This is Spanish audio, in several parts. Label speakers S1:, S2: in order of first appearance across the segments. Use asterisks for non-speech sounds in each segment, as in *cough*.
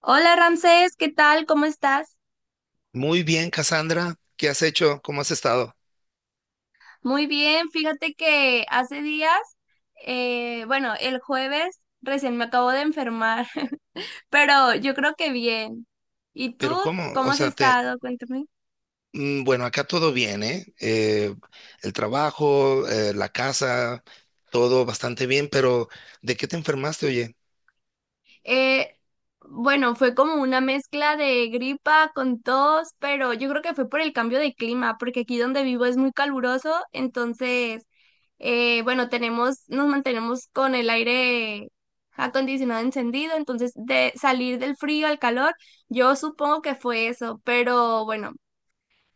S1: Hola Ramsés, ¿qué tal? ¿Cómo estás?
S2: Muy bien, Cassandra. ¿Qué has hecho? ¿Cómo has estado?
S1: Muy bien, fíjate que hace días, bueno, el jueves recién me acabo de enfermar, *laughs* pero yo creo que bien. ¿Y tú
S2: Pero ¿cómo?
S1: cómo
S2: O
S1: has
S2: sea, te.
S1: estado? Cuéntame.
S2: Bueno, acá todo bien, ¿eh? El trabajo, la casa, todo bastante bien, pero ¿de qué te enfermaste, oye?
S1: Eh, bueno, fue como una mezcla de gripa con tos, pero yo creo que fue por el cambio de clima, porque aquí donde vivo es muy caluroso, entonces, bueno, nos mantenemos con el aire acondicionado encendido, entonces de salir del frío al calor, yo supongo que fue eso, pero bueno,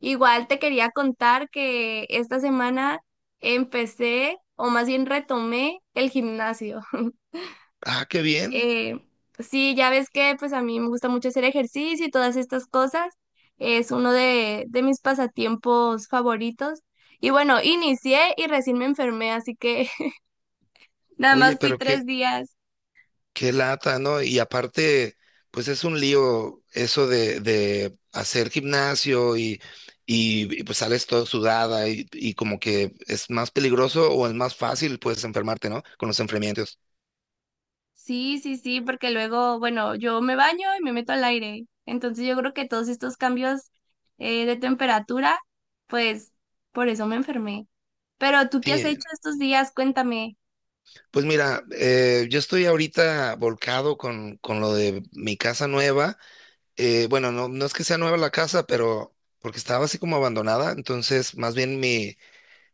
S1: igual te quería contar que esta semana empecé, o más bien retomé el gimnasio.
S2: Ah, qué bien.
S1: Eh, sí, ya ves que pues a mí me gusta mucho hacer ejercicio y todas estas cosas. Es uno de mis pasatiempos favoritos. Y bueno, inicié y recién me enfermé, así que *laughs* nada
S2: Oye,
S1: más fui
S2: pero qué,
S1: 3 días.
S2: qué lata, ¿no? Y aparte, pues es un lío eso de hacer gimnasio y, pues sales todo sudada y como que es más peligroso o es más fácil, pues, enfermarte, ¿no? Con los enfriamientos.
S1: Sí, sí, sí, porque luego, bueno, yo me baño y me meto al aire. Entonces yo creo que todos estos cambios de temperatura, pues por eso me enfermé. Pero ¿tú qué has
S2: Sí,
S1: hecho estos días? Cuéntame.
S2: pues mira, yo estoy ahorita volcado con lo de mi casa nueva. Bueno, no, no es que sea nueva la casa, pero porque estaba así como abandonada, entonces más bien mi,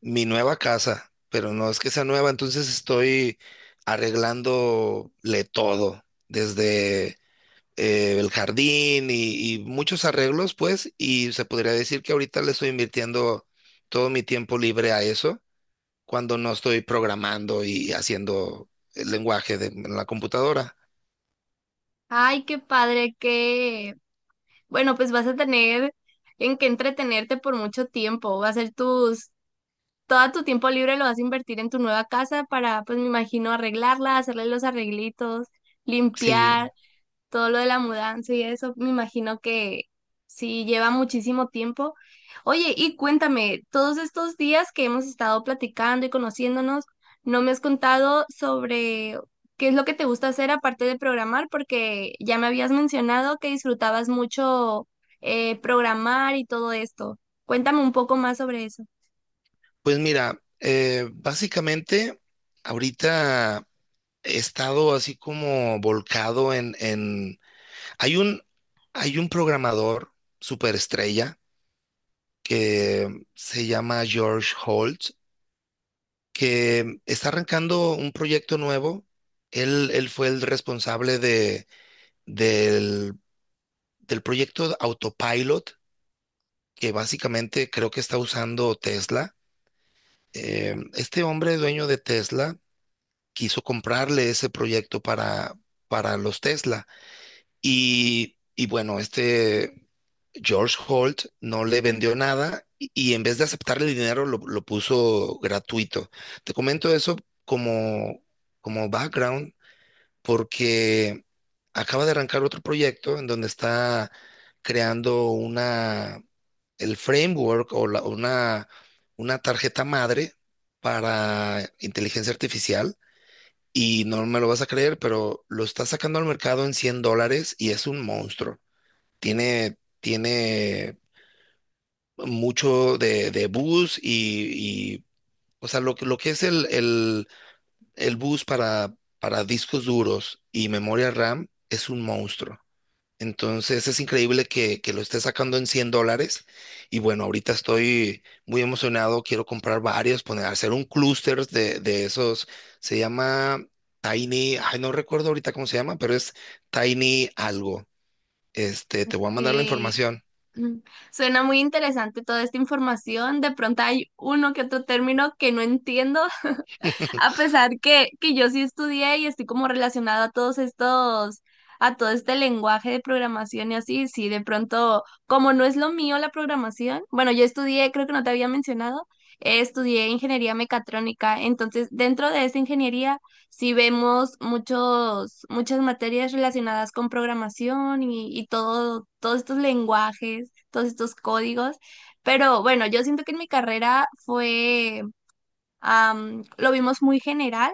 S2: mi nueva casa, pero no es que sea nueva. Entonces estoy arreglándole todo, desde el jardín y muchos arreglos, pues, y se podría decir que ahorita le estoy invirtiendo todo mi tiempo libre a eso, cuando no estoy programando y haciendo el lenguaje de en la computadora.
S1: Ay, qué padre, bueno, pues vas a tener en qué entretenerte por mucho tiempo. Va a ser tus, todo tu tiempo libre lo vas a invertir en tu nueva casa para, pues me imagino, arreglarla, hacerle los arreglitos,
S2: Sí,
S1: limpiar todo lo de la mudanza y eso, me imagino que sí lleva muchísimo tiempo. Oye, y cuéntame, todos estos días que hemos estado platicando y conociéndonos, no me has contado sobre qué es lo que te gusta hacer aparte de programar, porque ya me habías mencionado que disfrutabas mucho programar y todo esto. Cuéntame un poco más sobre eso.
S2: pues mira, básicamente ahorita he estado así como volcado en. Hay un, hay un programador superestrella que se llama George Holt, que está arrancando un proyecto nuevo. Él fue el responsable del, del proyecto Autopilot, que básicamente creo que está usando Tesla. Este hombre dueño de Tesla quiso comprarle ese proyecto para, los Tesla. Y bueno, este George Holt no le vendió nada, y en vez de aceptarle el dinero, lo puso gratuito. Te comento eso como, como background, porque acaba de arrancar otro proyecto en donde está creando una, el framework o una tarjeta madre para inteligencia artificial, y no me lo vas a creer, pero lo está sacando al mercado en $100 y es un monstruo. Tiene mucho de, bus, o sea, lo que es el, bus para discos duros y memoria RAM es un monstruo. Entonces es increíble que lo esté sacando en $100. Y bueno, ahorita estoy muy emocionado. Quiero comprar varios, poner, hacer un clúster de esos. Se llama Tiny, ay, no recuerdo ahorita cómo se llama, pero es Tiny algo. Este, te voy a mandar la
S1: Eh,
S2: información.
S1: mm, Suena muy interesante toda esta información. De pronto hay uno que otro término que no entiendo. A pesar que yo sí estudié y estoy como relacionada a todos estos, a todo este lenguaje de programación y así, sí, de pronto, como no es lo mío la programación, bueno, yo estudié, creo que no te había mencionado, estudié ingeniería mecatrónica, entonces dentro de esa ingeniería sí vemos muchos, muchas materias relacionadas con programación y todo, todos estos lenguajes, todos estos códigos. Pero bueno, yo siento que en mi carrera lo vimos muy general,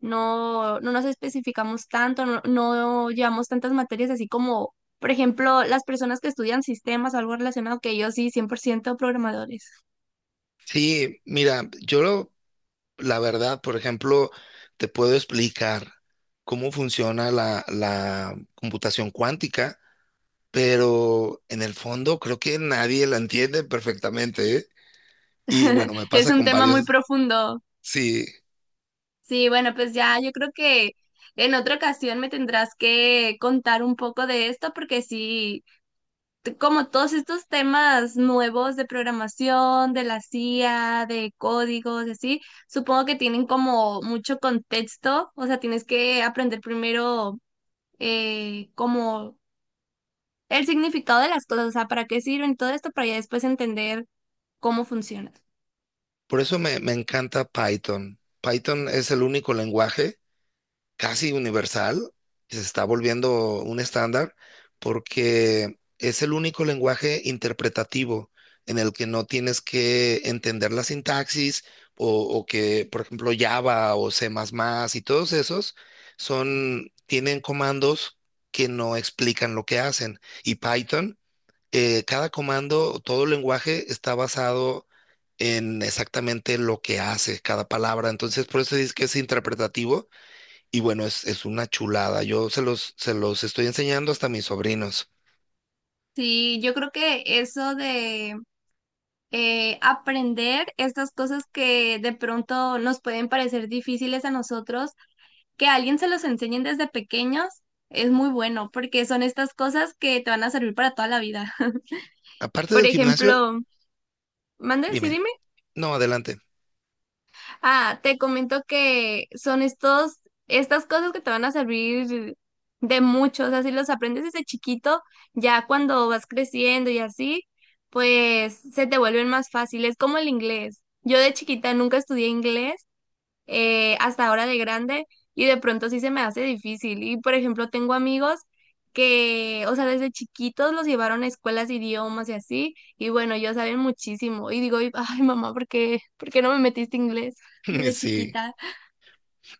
S1: no, no nos especificamos tanto, no, no llevamos tantas materias así como, por ejemplo, las personas que estudian sistemas o algo relacionado, que yo sí, 100% programadores.
S2: Sí, mira, la verdad, por ejemplo, te puedo explicar cómo funciona la computación cuántica, pero en el fondo creo que nadie la entiende perfectamente, ¿eh? Y
S1: *laughs*
S2: bueno, me
S1: Es
S2: pasa
S1: un
S2: con
S1: tema muy
S2: varios,
S1: profundo.
S2: sí,
S1: Sí, bueno, pues ya yo creo que en otra ocasión me tendrás que contar un poco de esto porque sí, como todos estos temas nuevos de programación, de la CIA, de códigos, y así, supongo que tienen como mucho contexto, o sea, tienes que aprender primero como el significado de las cosas, o sea, para qué sirven todo esto, para ya después entender cómo funciona.
S2: por eso me encanta Python. Python es el único lenguaje casi universal, que se está volviendo un estándar, porque es el único lenguaje interpretativo en el que no tienes que entender la sintaxis, o, o, que, por ejemplo, Java o C++ y todos esos son, tienen comandos que no explican lo que hacen. Y Python, cada comando, todo lenguaje está basado en exactamente lo que hace cada palabra. Entonces, por eso dices que es interpretativo. Y bueno, es, una chulada. Yo se los estoy enseñando hasta a mis sobrinos.
S1: Sí, yo creo que eso de aprender estas cosas que de pronto nos pueden parecer difíciles a nosotros, que a alguien se los enseñen desde pequeños, es muy bueno, porque son estas cosas que te van a servir para toda la vida. *laughs*
S2: Aparte
S1: Por
S2: del gimnasio,
S1: ejemplo, mande, sí,
S2: dime.
S1: dime.
S2: No, adelante.
S1: Ah, te comento que son estos, estas cosas que te van a servir de mucho. O sea, si los aprendes desde chiquito, ya cuando vas creciendo y así, pues se te vuelven más fáciles, como el inglés. Yo de chiquita nunca estudié inglés hasta ahora de grande y de pronto sí se me hace difícil. Y por ejemplo, tengo amigos que, o sea, desde chiquitos los llevaron a escuelas de idiomas y así, y bueno, ellos saben muchísimo. Y digo, ay mamá, ¿por qué no me metiste inglés
S2: *laughs*
S1: desde
S2: Sí.
S1: chiquita?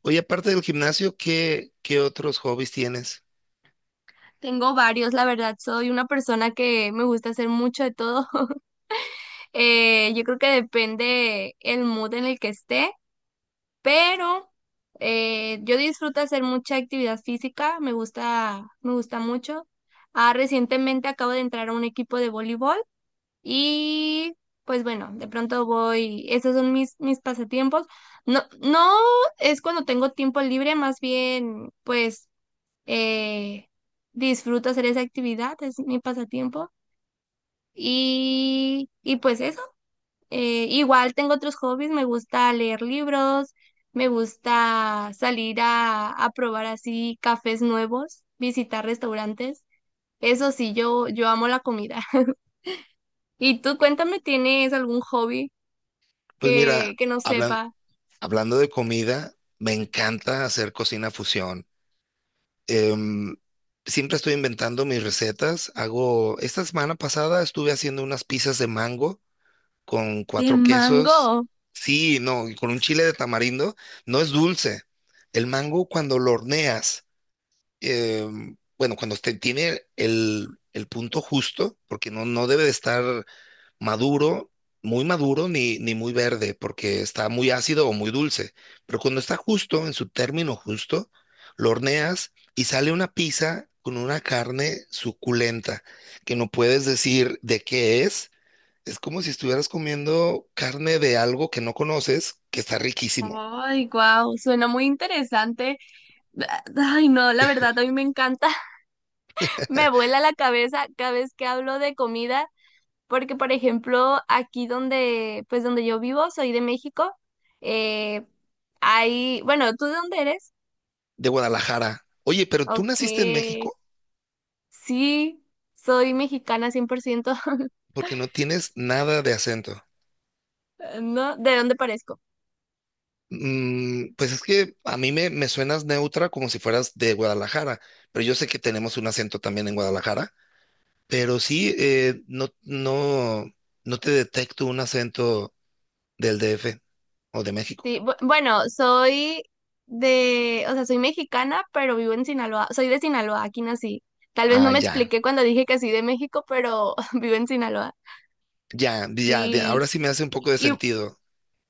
S2: Oye, aparte del gimnasio, ¿qué otros hobbies tienes?
S1: Tengo varios, la verdad, soy una persona que me gusta hacer mucho de todo. *laughs* Yo creo que depende el mood en el que esté. Pero yo disfruto hacer mucha actividad física, me gusta mucho. Ah, recientemente acabo de entrar a un equipo de voleibol y pues bueno, de pronto voy, esos son mis pasatiempos. No, no es cuando tengo tiempo libre, más bien pues eh, disfruto hacer esa actividad, es mi pasatiempo. Y pues eso. Igual tengo otros hobbies, me gusta leer libros, me gusta salir a probar así cafés nuevos, visitar restaurantes. Eso sí, yo amo la comida. *laughs* Y tú cuéntame, ¿tienes algún hobby
S2: Pues mira,
S1: que no
S2: hablan-
S1: sepa?
S2: hablando de comida, me encanta hacer cocina fusión. Em, siempre estoy inventando mis recetas. Hago, esta semana pasada estuve haciendo unas pizzas de mango con
S1: De
S2: cuatro
S1: mango.
S2: quesos. Sí, no, y con un chile de tamarindo. No es dulce. El mango cuando lo horneas, eh, bueno, cuando tiene el, punto justo, porque no, no debe de estar maduro, muy maduro, ni muy verde, porque está muy ácido o muy dulce. Pero cuando está justo, en su término justo, lo horneas y sale una pizza con una carne suculenta, que no puedes decir de qué es. Es como si estuvieras comiendo carne de algo que no conoces, que está riquísimo.
S1: Ay, wow, suena muy interesante. Ay, no, la verdad, a mí me encanta. *laughs* Me vuela la cabeza cada vez que hablo de comida. Porque, por ejemplo, aquí donde, pues donde yo vivo, soy de México. eh, bueno, ¿tú de dónde eres?
S2: De Guadalajara. Oye, pero tú
S1: Ok,
S2: naciste en México
S1: sí, soy mexicana 100%. *laughs*
S2: porque no tienes nada de acento.
S1: ¿No? ¿De dónde parezco?
S2: Pues es que a mí me suenas neutra como si fueras de Guadalajara, pero yo sé que tenemos un acento también en Guadalajara, pero sí, no, no, no te detecto un acento del DF o de México.
S1: Sí, bueno, o sea, soy mexicana, pero vivo en Sinaloa, soy de Sinaloa, aquí nací. Tal vez no
S2: Ah,
S1: me
S2: ya,
S1: expliqué cuando dije que soy de México, pero *laughs* vivo en Sinaloa.
S2: ya, ya,
S1: Sí,
S2: ahora sí me hace un poco de
S1: y
S2: sentido.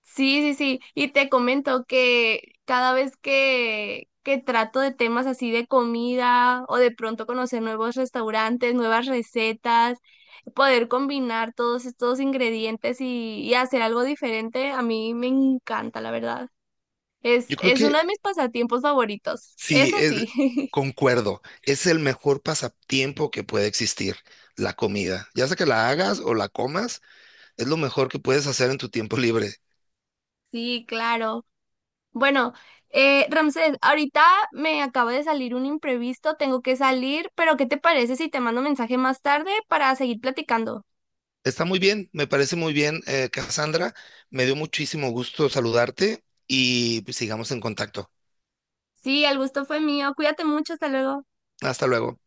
S1: sí, sí, sí. Y te comento que cada vez que trato de temas así de comida o de pronto conocer nuevos restaurantes, nuevas recetas, poder combinar todos estos ingredientes y hacer algo diferente, a mí me encanta, la verdad. Es,
S2: Yo creo
S1: es uno
S2: que
S1: de mis pasatiempos favoritos.
S2: sí,
S1: Eso sí. *laughs*
S2: concuerdo. Es el mejor pasatiempo que puede existir, la comida. Ya sea que la hagas o la comas, es lo mejor que puedes hacer en tu tiempo libre.
S1: Sí, claro. Bueno, Ramsés, ahorita me acaba de salir un imprevisto, tengo que salir, pero ¿qué te parece si te mando mensaje más tarde para seguir platicando?
S2: Está muy bien, me parece muy bien, Cassandra. Me dio muchísimo gusto saludarte y pues, sigamos en contacto.
S1: Sí, el gusto fue mío, cuídate mucho, hasta luego.
S2: Hasta luego.